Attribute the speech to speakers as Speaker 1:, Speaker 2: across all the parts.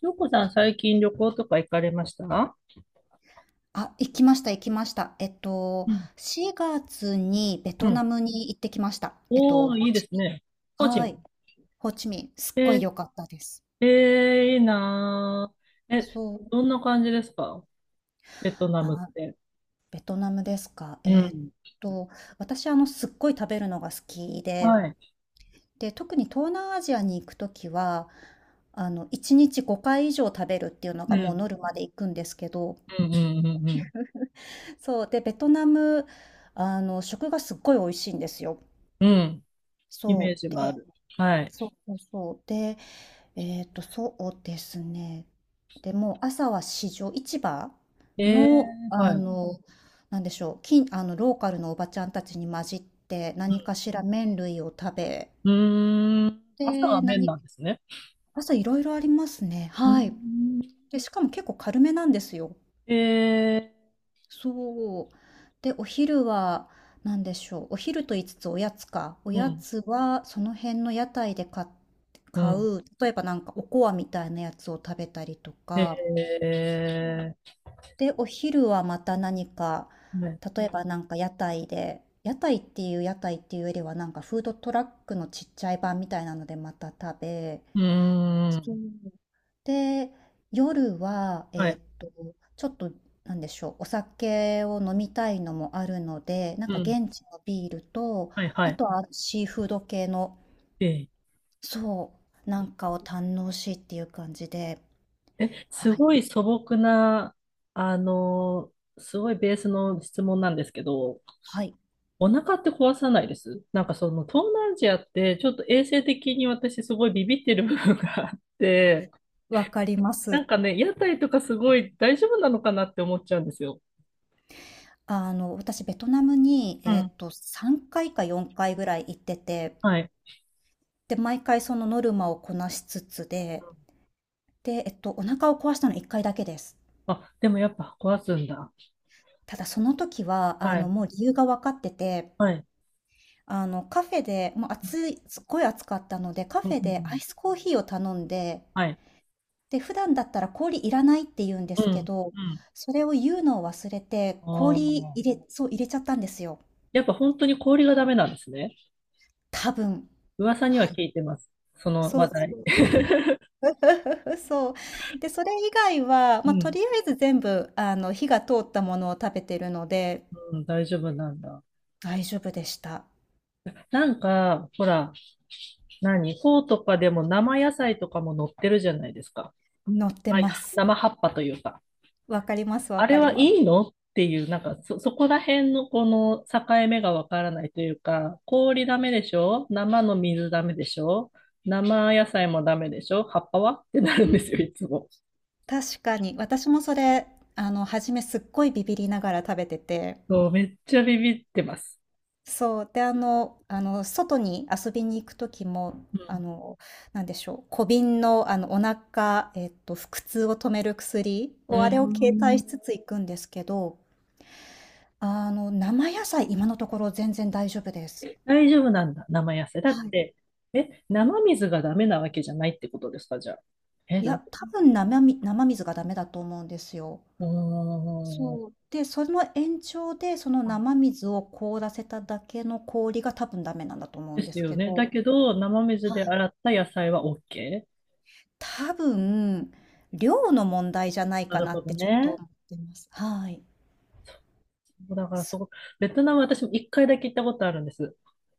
Speaker 1: 翔子さん、最近旅行とか行かれました？
Speaker 2: あ、行きました行きました。
Speaker 1: うん。
Speaker 2: 4月にベ
Speaker 1: う
Speaker 2: トナ
Speaker 1: ん。
Speaker 2: ムに行ってきました。
Speaker 1: おー、
Speaker 2: ホ
Speaker 1: い
Speaker 2: ー
Speaker 1: いで
Speaker 2: チ
Speaker 1: す
Speaker 2: ミ
Speaker 1: ね。
Speaker 2: ン。
Speaker 1: 個
Speaker 2: は
Speaker 1: 人。
Speaker 2: い。ホーチミン。すっご
Speaker 1: え
Speaker 2: い良かったです。
Speaker 1: いいなー。え、
Speaker 2: そう。
Speaker 1: どんな感じですか、ベトナムっ
Speaker 2: あ、
Speaker 1: て？
Speaker 2: ベトナムですか。
Speaker 1: うん。
Speaker 2: と、私、すっごい食べるのが好きで、
Speaker 1: はい。
Speaker 2: で、特に東南アジアに行くときは、1日5回以上食べるっていうの
Speaker 1: う
Speaker 2: がもう
Speaker 1: ん。
Speaker 2: ノルマで行くんですけど、
Speaker 1: うん、うん、うん、うん。
Speaker 2: そう。で、ベトナム、食がすっごい美味しいんですよ。
Speaker 1: うん。イメー
Speaker 2: そ
Speaker 1: ジ
Speaker 2: う。
Speaker 1: はある。はい。
Speaker 2: そうそうそう。で、そうですね。でもう朝は市場
Speaker 1: えー、
Speaker 2: の、
Speaker 1: はい。
Speaker 2: なんでしょう、近あの、ローカルのおばちゃんたちに混じって何かしら麺類を食べ、
Speaker 1: うん。うーん。朝
Speaker 2: で、
Speaker 1: は麺
Speaker 2: 何、
Speaker 1: なんですね。
Speaker 2: 朝いろいろありますね。
Speaker 1: うー
Speaker 2: はい。
Speaker 1: ん。
Speaker 2: で、しかも結構軽めなんですよ。
Speaker 1: え
Speaker 2: そう。で、お昼は何でしょう。お昼と言いつつおやつか。お
Speaker 1: う
Speaker 2: や
Speaker 1: ん。
Speaker 2: つはその辺の屋台で
Speaker 1: う
Speaker 2: 買
Speaker 1: ん。
Speaker 2: う、例えばなんかおこわみたいなやつを食べたりとか。
Speaker 1: え
Speaker 2: で、お昼はまた何か、
Speaker 1: はい。
Speaker 2: 例えばなんか屋台で、屋台っていうよりはなんかフードトラックのちっちゃい版みたいなのでまた食べ、
Speaker 1: うー
Speaker 2: そう
Speaker 1: ん。
Speaker 2: で、夜は、
Speaker 1: はい。
Speaker 2: ちょっと、なんでしょう、お酒を飲みたいのもあるので、なん
Speaker 1: う
Speaker 2: か
Speaker 1: ん。
Speaker 2: 現地のビールと、
Speaker 1: はいは
Speaker 2: あ
Speaker 1: い。
Speaker 2: とはシーフード系の、
Speaker 1: ええ。
Speaker 2: そう、なんかを堪能しっていう感じで、
Speaker 1: す
Speaker 2: はい、
Speaker 1: ごい素朴な、あの、すごいベースの質問なんですけど、
Speaker 2: はい、
Speaker 1: お腹って壊さないです？なんかその東南アジアってちょっと衛生的に私すごいビビってる部分があって、
Speaker 2: わかりま
Speaker 1: なん
Speaker 2: す。
Speaker 1: かね、屋台とかすごい大丈夫なのかなって思っちゃうんですよ。
Speaker 2: 私、ベトナムに、
Speaker 1: うん。
Speaker 2: 3回か4回ぐらい行ってて、
Speaker 1: はい。
Speaker 2: で、毎回そのノルマをこなしつつで、お腹を壊したの1回だけです。
Speaker 1: あ、でもやっぱ壊すんだ。
Speaker 2: ただその時は、
Speaker 1: はい。
Speaker 2: もう理由が分かってて、
Speaker 1: はい。
Speaker 2: カフェで、もう暑い、すっごい暑かったので、カ
Speaker 1: うん
Speaker 2: フェ
Speaker 1: うんう
Speaker 2: でアイ
Speaker 1: ん。
Speaker 2: スコーヒーを頼んで、
Speaker 1: はい。
Speaker 2: で、普段だったら氷いらないって言うんで
Speaker 1: う
Speaker 2: すけ
Speaker 1: ん。
Speaker 2: ど、
Speaker 1: うん。
Speaker 2: それを言うのを忘れて、
Speaker 1: あ
Speaker 2: 氷入
Speaker 1: あ。
Speaker 2: れ、そう、入れちゃったんですよ。
Speaker 1: やっぱ本当に氷がダメなんですね。
Speaker 2: 多分。
Speaker 1: 噂には
Speaker 2: はい。
Speaker 1: 聞いてます。その
Speaker 2: そ
Speaker 1: 話
Speaker 2: うそ
Speaker 1: 題。
Speaker 2: う。そう。で、それ以外は、
Speaker 1: う
Speaker 2: まあ、と
Speaker 1: ん、
Speaker 2: りあえず全部、火が通ったものを食べてるので、
Speaker 1: うん、大丈夫なんだ。
Speaker 2: 大丈夫でした。
Speaker 1: なんか、ほら、何、フォーとかでも生野菜とかも載ってるじゃないですか。
Speaker 2: 乗って
Speaker 1: まあ
Speaker 2: ます。
Speaker 1: 生葉っぱというか。
Speaker 2: わかります、わ
Speaker 1: あれ
Speaker 2: かり
Speaker 1: は
Speaker 2: ます。
Speaker 1: いいのっていう、なんかそこら辺のこの境目がわからないというか、氷ダメでしょ、生の水ダメでしょ、生野菜もダメでしょ、葉っぱはってなるんですよ、いつも。
Speaker 2: 確かに。私もそれ、初めすっごいビビりながら食べてて。
Speaker 1: そう、めっちゃビビってます。
Speaker 2: そう。で、外に遊びに行く時も、なんでしょう、小瓶の、腹痛を止める薬
Speaker 1: うん。
Speaker 2: を、
Speaker 1: う
Speaker 2: あれを携帯
Speaker 1: ん、
Speaker 2: しつつ行くんですけど、生野菜、今のところ全然大丈夫です。
Speaker 1: 大丈夫なんだ、生野菜。だっ
Speaker 2: はい。
Speaker 1: て、え、生水がダメなわけじゃないってことですか、じゃあ。え、
Speaker 2: い
Speaker 1: どういう
Speaker 2: や、
Speaker 1: こ
Speaker 2: 多分生水がダメだと思うんですよ。
Speaker 1: と？うーん。
Speaker 2: そう。で、その延長で、その
Speaker 1: はい。
Speaker 2: 生水を凍らせただけの氷が多分ダメなんだと思う
Speaker 1: で
Speaker 2: んで
Speaker 1: す
Speaker 2: す
Speaker 1: よ
Speaker 2: け
Speaker 1: ね。だ
Speaker 2: ど、
Speaker 1: けど、生水で
Speaker 2: はい。
Speaker 1: 洗った野菜は OK?
Speaker 2: 多分、量の問題じゃない
Speaker 1: な
Speaker 2: か
Speaker 1: る
Speaker 2: な
Speaker 1: ほ
Speaker 2: っ
Speaker 1: ど
Speaker 2: てちょっと
Speaker 1: ね。
Speaker 2: 思ってます。はい。
Speaker 1: そうだから
Speaker 2: す
Speaker 1: そこ、ベトナム私も一回だけ行ったことあるんです。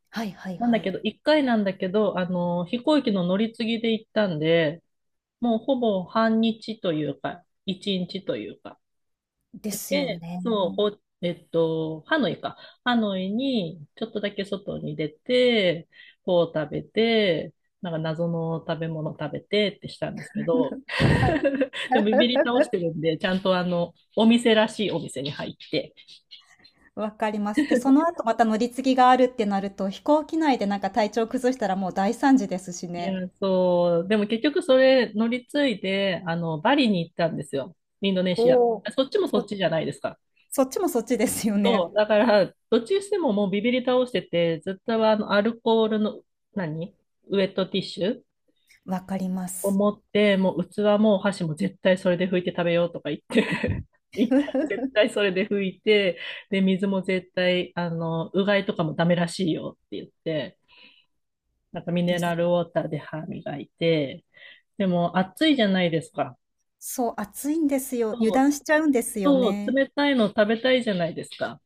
Speaker 2: はいはい
Speaker 1: なん
Speaker 2: は
Speaker 1: だけ
Speaker 2: い。
Speaker 1: ど、一回なんだけど、飛行機の乗り継ぎで行ったんで、もうほぼ半日というか、一日というか、
Speaker 2: で
Speaker 1: だ
Speaker 2: すよ
Speaker 1: け、
Speaker 2: ね。
Speaker 1: そう、ほ、えっと、ハノイか？ハノイに、ちょっとだけ外に出て、こう食べて、なんか謎の食べ物食べてってしたんですけど、
Speaker 2: はい。
Speaker 1: でもビビり倒してるんで、ちゃんとお店らしいお店に入って。
Speaker 2: わかります。で、その後また乗り継ぎがあるってなると、飛行機内でなんか体調崩したらもう大惨事ですし
Speaker 1: い
Speaker 2: ね。
Speaker 1: や、そう、でも結局それ乗り継いで、バリに行ったんですよ。インドネシア。
Speaker 2: お
Speaker 1: あ、
Speaker 2: お。
Speaker 1: そっちもそっ
Speaker 2: そ、
Speaker 1: ちじゃないですか。
Speaker 2: そっちもそっちですよ
Speaker 1: そう、
Speaker 2: ね。
Speaker 1: だから、どっちにしてももうビビり倒してて、ずっとアルコールの、何ウェットティッシュ
Speaker 2: わかりま
Speaker 1: を
Speaker 2: す。
Speaker 1: 持って、もう器もお箸も絶対それで拭いて食べようとか言って、一旦絶対それで拭いて、で、水も絶対、うがいとかもダメらしいよって言って、なんかミ
Speaker 2: で
Speaker 1: ネラ
Speaker 2: す。
Speaker 1: ルウォーターで歯磨いて、でも暑いじゃないですか。
Speaker 2: そう、暑いんですよ。油
Speaker 1: そう、
Speaker 2: 断しちゃうんですよ
Speaker 1: そう、
Speaker 2: ね。
Speaker 1: 冷たいの食べたいじゃないですか。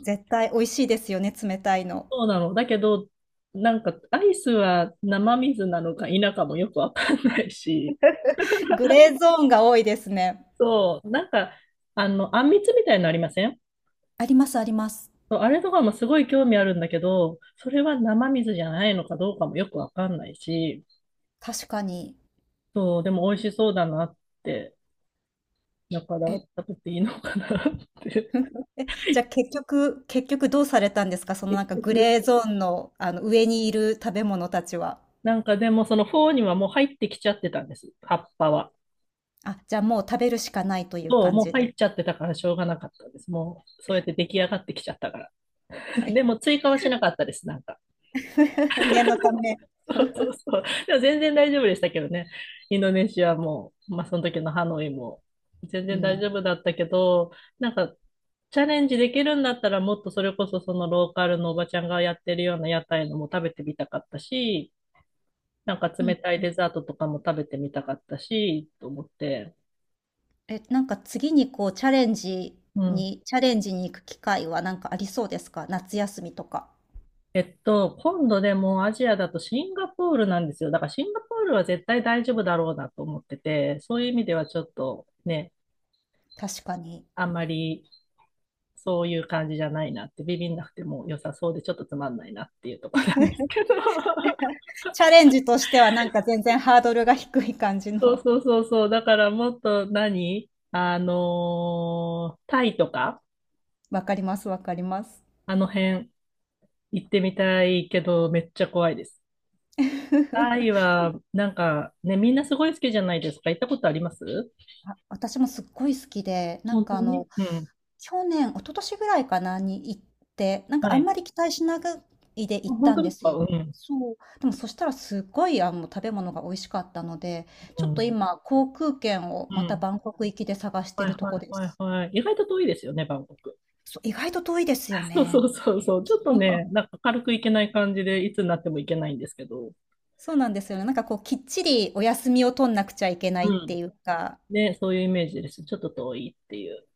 Speaker 2: 絶対美味しいですよね、冷たいの。
Speaker 1: そうなの。だけど、なんかアイスは生水なのか否かもよくわかんないし、
Speaker 2: グレーゾーンが多いですね。
Speaker 1: そう、なんか、あんみつみたいなのありません？
Speaker 2: ありますあります。
Speaker 1: そう、あれとかもすごい興味あるんだけど、それは生水じゃないのかどうかもよくわかんないし、
Speaker 2: 確かに。
Speaker 1: そう、でも美味しそうだなって、だから
Speaker 2: え、
Speaker 1: 食べていいのかなって。
Speaker 2: じゃあ結局どうされたんですか、そ の
Speaker 1: 結
Speaker 2: なんかグ
Speaker 1: 局、
Speaker 2: レーゾーンの、あの上にいる食べ物たちは。
Speaker 1: なんかでもそのフォーにはもう入ってきちゃってたんです、葉っぱは。
Speaker 2: あ、じゃあもう食べるしかないという
Speaker 1: そう、
Speaker 2: 感
Speaker 1: もう
Speaker 2: じ
Speaker 1: 入っ
Speaker 2: で。
Speaker 1: ちゃってたからしょうがなかったです。もう、そうやって出来上がってきちゃったから。
Speaker 2: はい。
Speaker 1: でも追加はしなかったです、なんか。
Speaker 2: 念のため。
Speaker 1: そうそうそう。でも全然大丈夫でしたけどね。インドネシアも、まあその時のハノイも、全
Speaker 2: う
Speaker 1: 然大丈
Speaker 2: ん。
Speaker 1: 夫だったけど、なんかチャレンジできるんだったらもっとそれこそそのローカルのおばちゃんがやってるような屋台のも食べてみたかったし、なんか
Speaker 2: う
Speaker 1: 冷
Speaker 2: ん。
Speaker 1: たいデザートとかも食べてみたかったし、と思って。
Speaker 2: え、なんか次にこう
Speaker 1: うん。
Speaker 2: チャレンジに行く機会はなんかありそうですか、夏休みとか？
Speaker 1: 今度でもアジアだとシンガポールなんですよ。だからシンガポールは絶対大丈夫だろうなと思ってて、そういう意味ではちょっとね、
Speaker 2: 確かに。
Speaker 1: あんまりそういう感じじゃないなって、ビビんなくても良さそうでちょっとつまんないなっていうところなんですけど。
Speaker 2: チャレンジとしてはなんか全然ハードルが低い感じ
Speaker 1: そう
Speaker 2: の。
Speaker 1: そうそうそう。だからもっと何あのータイとか、
Speaker 2: わかります、わかります。
Speaker 1: あの辺行ってみたいけど、めっちゃ怖いです。タイ は、なんかね、みんなすごい好きじゃないですか。行ったことあります？
Speaker 2: あ、私もすっごい好きで、なん
Speaker 1: 本当
Speaker 2: か
Speaker 1: に。うん。
Speaker 2: 去年、一昨年ぐらいかなに行って、なんか
Speaker 1: は
Speaker 2: あん
Speaker 1: い。
Speaker 2: まり期待しないで行
Speaker 1: あ、
Speaker 2: っ
Speaker 1: 本
Speaker 2: た
Speaker 1: 当
Speaker 2: ん
Speaker 1: で
Speaker 2: で
Speaker 1: す
Speaker 2: す
Speaker 1: か？う
Speaker 2: よ。
Speaker 1: ん。
Speaker 2: そう。でもそしたらすごい食べ物が美味しかったので、
Speaker 1: う
Speaker 2: ちょっと
Speaker 1: ん。
Speaker 2: 今航空券を
Speaker 1: う
Speaker 2: また
Speaker 1: ん。
Speaker 2: バンコク行きで探して
Speaker 1: はい
Speaker 2: ると
Speaker 1: は
Speaker 2: こ
Speaker 1: い
Speaker 2: で
Speaker 1: はい
Speaker 2: す。
Speaker 1: はい。意外と遠いですよね、バンコク。
Speaker 2: そう、意外と遠いですよ
Speaker 1: そうそ
Speaker 2: ね。
Speaker 1: うそうそう。ちょっとね、なんか軽くいけない感じで、いつになってもいけないんですけど。
Speaker 2: そうなんですよね。なんかこうきっちりお休みを取んなくちゃいけないっ
Speaker 1: う
Speaker 2: て
Speaker 1: ん。
Speaker 2: いうか、
Speaker 1: ね、そういうイメージです。ちょっと遠いっていう。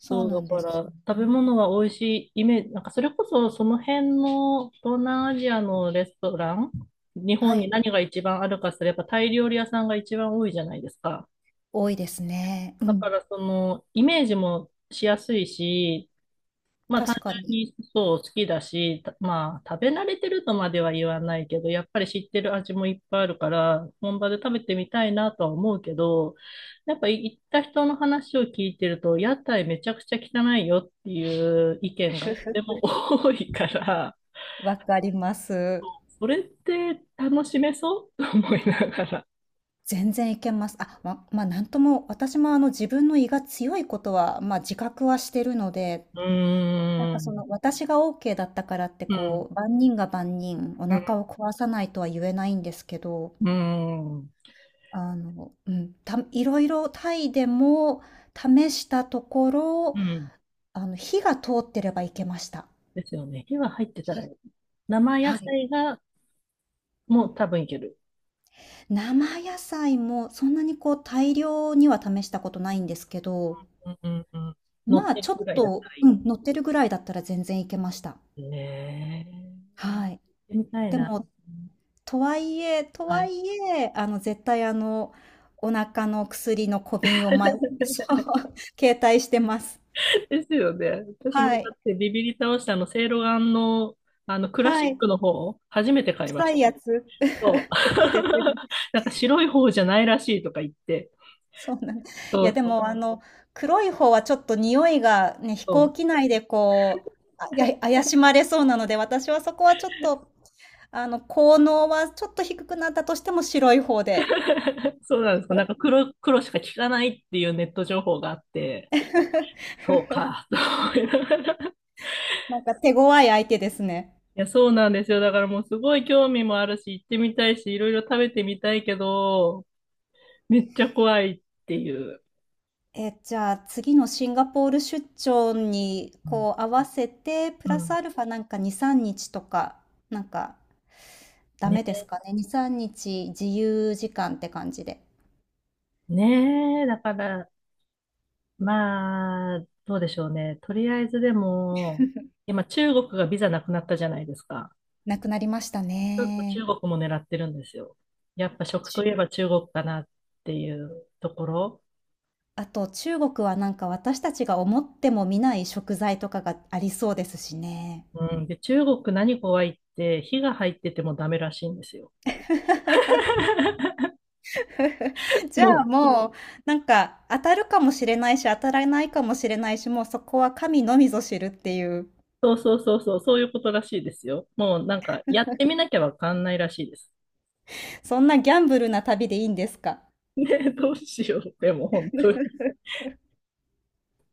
Speaker 2: そう
Speaker 1: う、
Speaker 2: な
Speaker 1: だ
Speaker 2: んで
Speaker 1: か
Speaker 2: す
Speaker 1: ら、
Speaker 2: よ
Speaker 1: 食べ
Speaker 2: ね。
Speaker 1: 物は美味しいイメージ、なんかそれこそその辺の東南アジアのレストラン、日
Speaker 2: は
Speaker 1: 本に
Speaker 2: い、
Speaker 1: 何が一番あるかすれば、タイ料理屋さんが一番多いじゃないですか。
Speaker 2: 多いですね。う
Speaker 1: だ
Speaker 2: ん、
Speaker 1: から、イメージもしやすいし、まあ単
Speaker 2: 確か
Speaker 1: 純
Speaker 2: に。
Speaker 1: にそう好きだし、たまあ食べ慣れてるとまでは言わないけど、やっぱり知ってる味もいっぱいあるから、本場で食べてみたいなとは思うけど、やっぱ行った人の話を聞いてると、屋台めちゃくちゃ汚いよっていう意見が
Speaker 2: ふ
Speaker 1: と
Speaker 2: ふ
Speaker 1: ても多いから、
Speaker 2: わかります。
Speaker 1: それって楽しめそうと思いながら。
Speaker 2: 全然いけます。あ、なんとも、私もあの自分の胃が強いことは、まあ、自覚はしてるので、
Speaker 1: う
Speaker 2: なん
Speaker 1: ー
Speaker 2: かそ
Speaker 1: ん、
Speaker 2: の私がオーケーだったからって
Speaker 1: うん、
Speaker 2: こう、万人が万人お
Speaker 1: うん、
Speaker 2: 腹を壊さないとは言えないんですけど、
Speaker 1: うん、
Speaker 2: うん、たいろ々タイでも試したとこ
Speaker 1: う
Speaker 2: ろ、
Speaker 1: ん。
Speaker 2: 火が通ってればいけました。
Speaker 1: ですよね。火は入ってた
Speaker 2: は
Speaker 1: らい
Speaker 2: い、
Speaker 1: い。生
Speaker 2: は
Speaker 1: 野
Speaker 2: はい。い。
Speaker 1: 菜がもう多分いける。
Speaker 2: 生野菜もそんなにこう大量には試したことないんですけど、
Speaker 1: うんうんうん。乗っ
Speaker 2: まあ、
Speaker 1: て
Speaker 2: ちょ
Speaker 1: る
Speaker 2: っ
Speaker 1: ぐらいだった
Speaker 2: と
Speaker 1: ら
Speaker 2: う
Speaker 1: い
Speaker 2: ん、乗ってるぐらいだったら全然いけました。
Speaker 1: い。ね
Speaker 2: はい。
Speaker 1: え、みたい
Speaker 2: で
Speaker 1: な。
Speaker 2: も、とはいえと
Speaker 1: は
Speaker 2: は
Speaker 1: い。
Speaker 2: いえ、絶対お腹の薬の小瓶をそう、携帯してます。
Speaker 1: ですよね。私も
Speaker 2: は
Speaker 1: だ
Speaker 2: い。
Speaker 1: ってビビり倒したセイロガンの、クラシ
Speaker 2: は
Speaker 1: ッ
Speaker 2: い。
Speaker 1: クの方を初めて買いま
Speaker 2: 臭
Speaker 1: し
Speaker 2: い
Speaker 1: た。
Speaker 2: やつ。
Speaker 1: そう。
Speaker 2: そうですよね。
Speaker 1: なんか白い方じゃないらしいとか言って。
Speaker 2: そうなんい
Speaker 1: そ
Speaker 2: や、
Speaker 1: う
Speaker 2: で
Speaker 1: そう
Speaker 2: も、黒い方はちょっと匂いがね、飛
Speaker 1: そ
Speaker 2: 行機
Speaker 1: う。
Speaker 2: 内でや怪しまれそうなので、私はそこはちょっと、効能はちょっと低くなったとしても白い方で、
Speaker 1: そうなんですか。なんか黒しか聞かないっていうネット情報があって、そうか、と思いながら。い
Speaker 2: なんか手強い相手ですね。
Speaker 1: や、そうなんですよ。だからもうすごい興味もあるし、行ってみたいし、いろいろ食べてみたいけど、めっちゃ怖いっていう。
Speaker 2: え、じゃあ次のシンガポール出張に
Speaker 1: うん
Speaker 2: こう合わせて、プ
Speaker 1: う
Speaker 2: ラス
Speaker 1: ん。
Speaker 2: アルファなんか2、3日とか、なんかダメで
Speaker 1: ね、
Speaker 2: すかね。2、3日自由時間って感じで。
Speaker 1: ねえ、だから、まあ、どうでしょうね。とりあえずでも、今中国がビザなくなったじゃないですか。
Speaker 2: なくなりました
Speaker 1: ちょっと中
Speaker 2: ね。
Speaker 1: 国も狙ってるんですよ。やっぱ食といえば中国かなっていうところ。
Speaker 2: あと中国はなんか私たちが思っても見ない食材とかがありそうですしね。
Speaker 1: うん、で、中国何怖いって、火が入っててもダメらしいんですよ。
Speaker 2: じゃ
Speaker 1: も
Speaker 2: あ
Speaker 1: う、
Speaker 2: もうなんか当たるかもしれないし当たらないかもしれないし、もうそこは神のみぞ知るっていう、
Speaker 1: そうそうそうそう、そういうことらしいですよ。もうなんか、やってみなきゃわかんないらしいです。
Speaker 2: そんなギャンブルな旅でいいんですか？
Speaker 1: ねえ、どうしよう。でも本当に。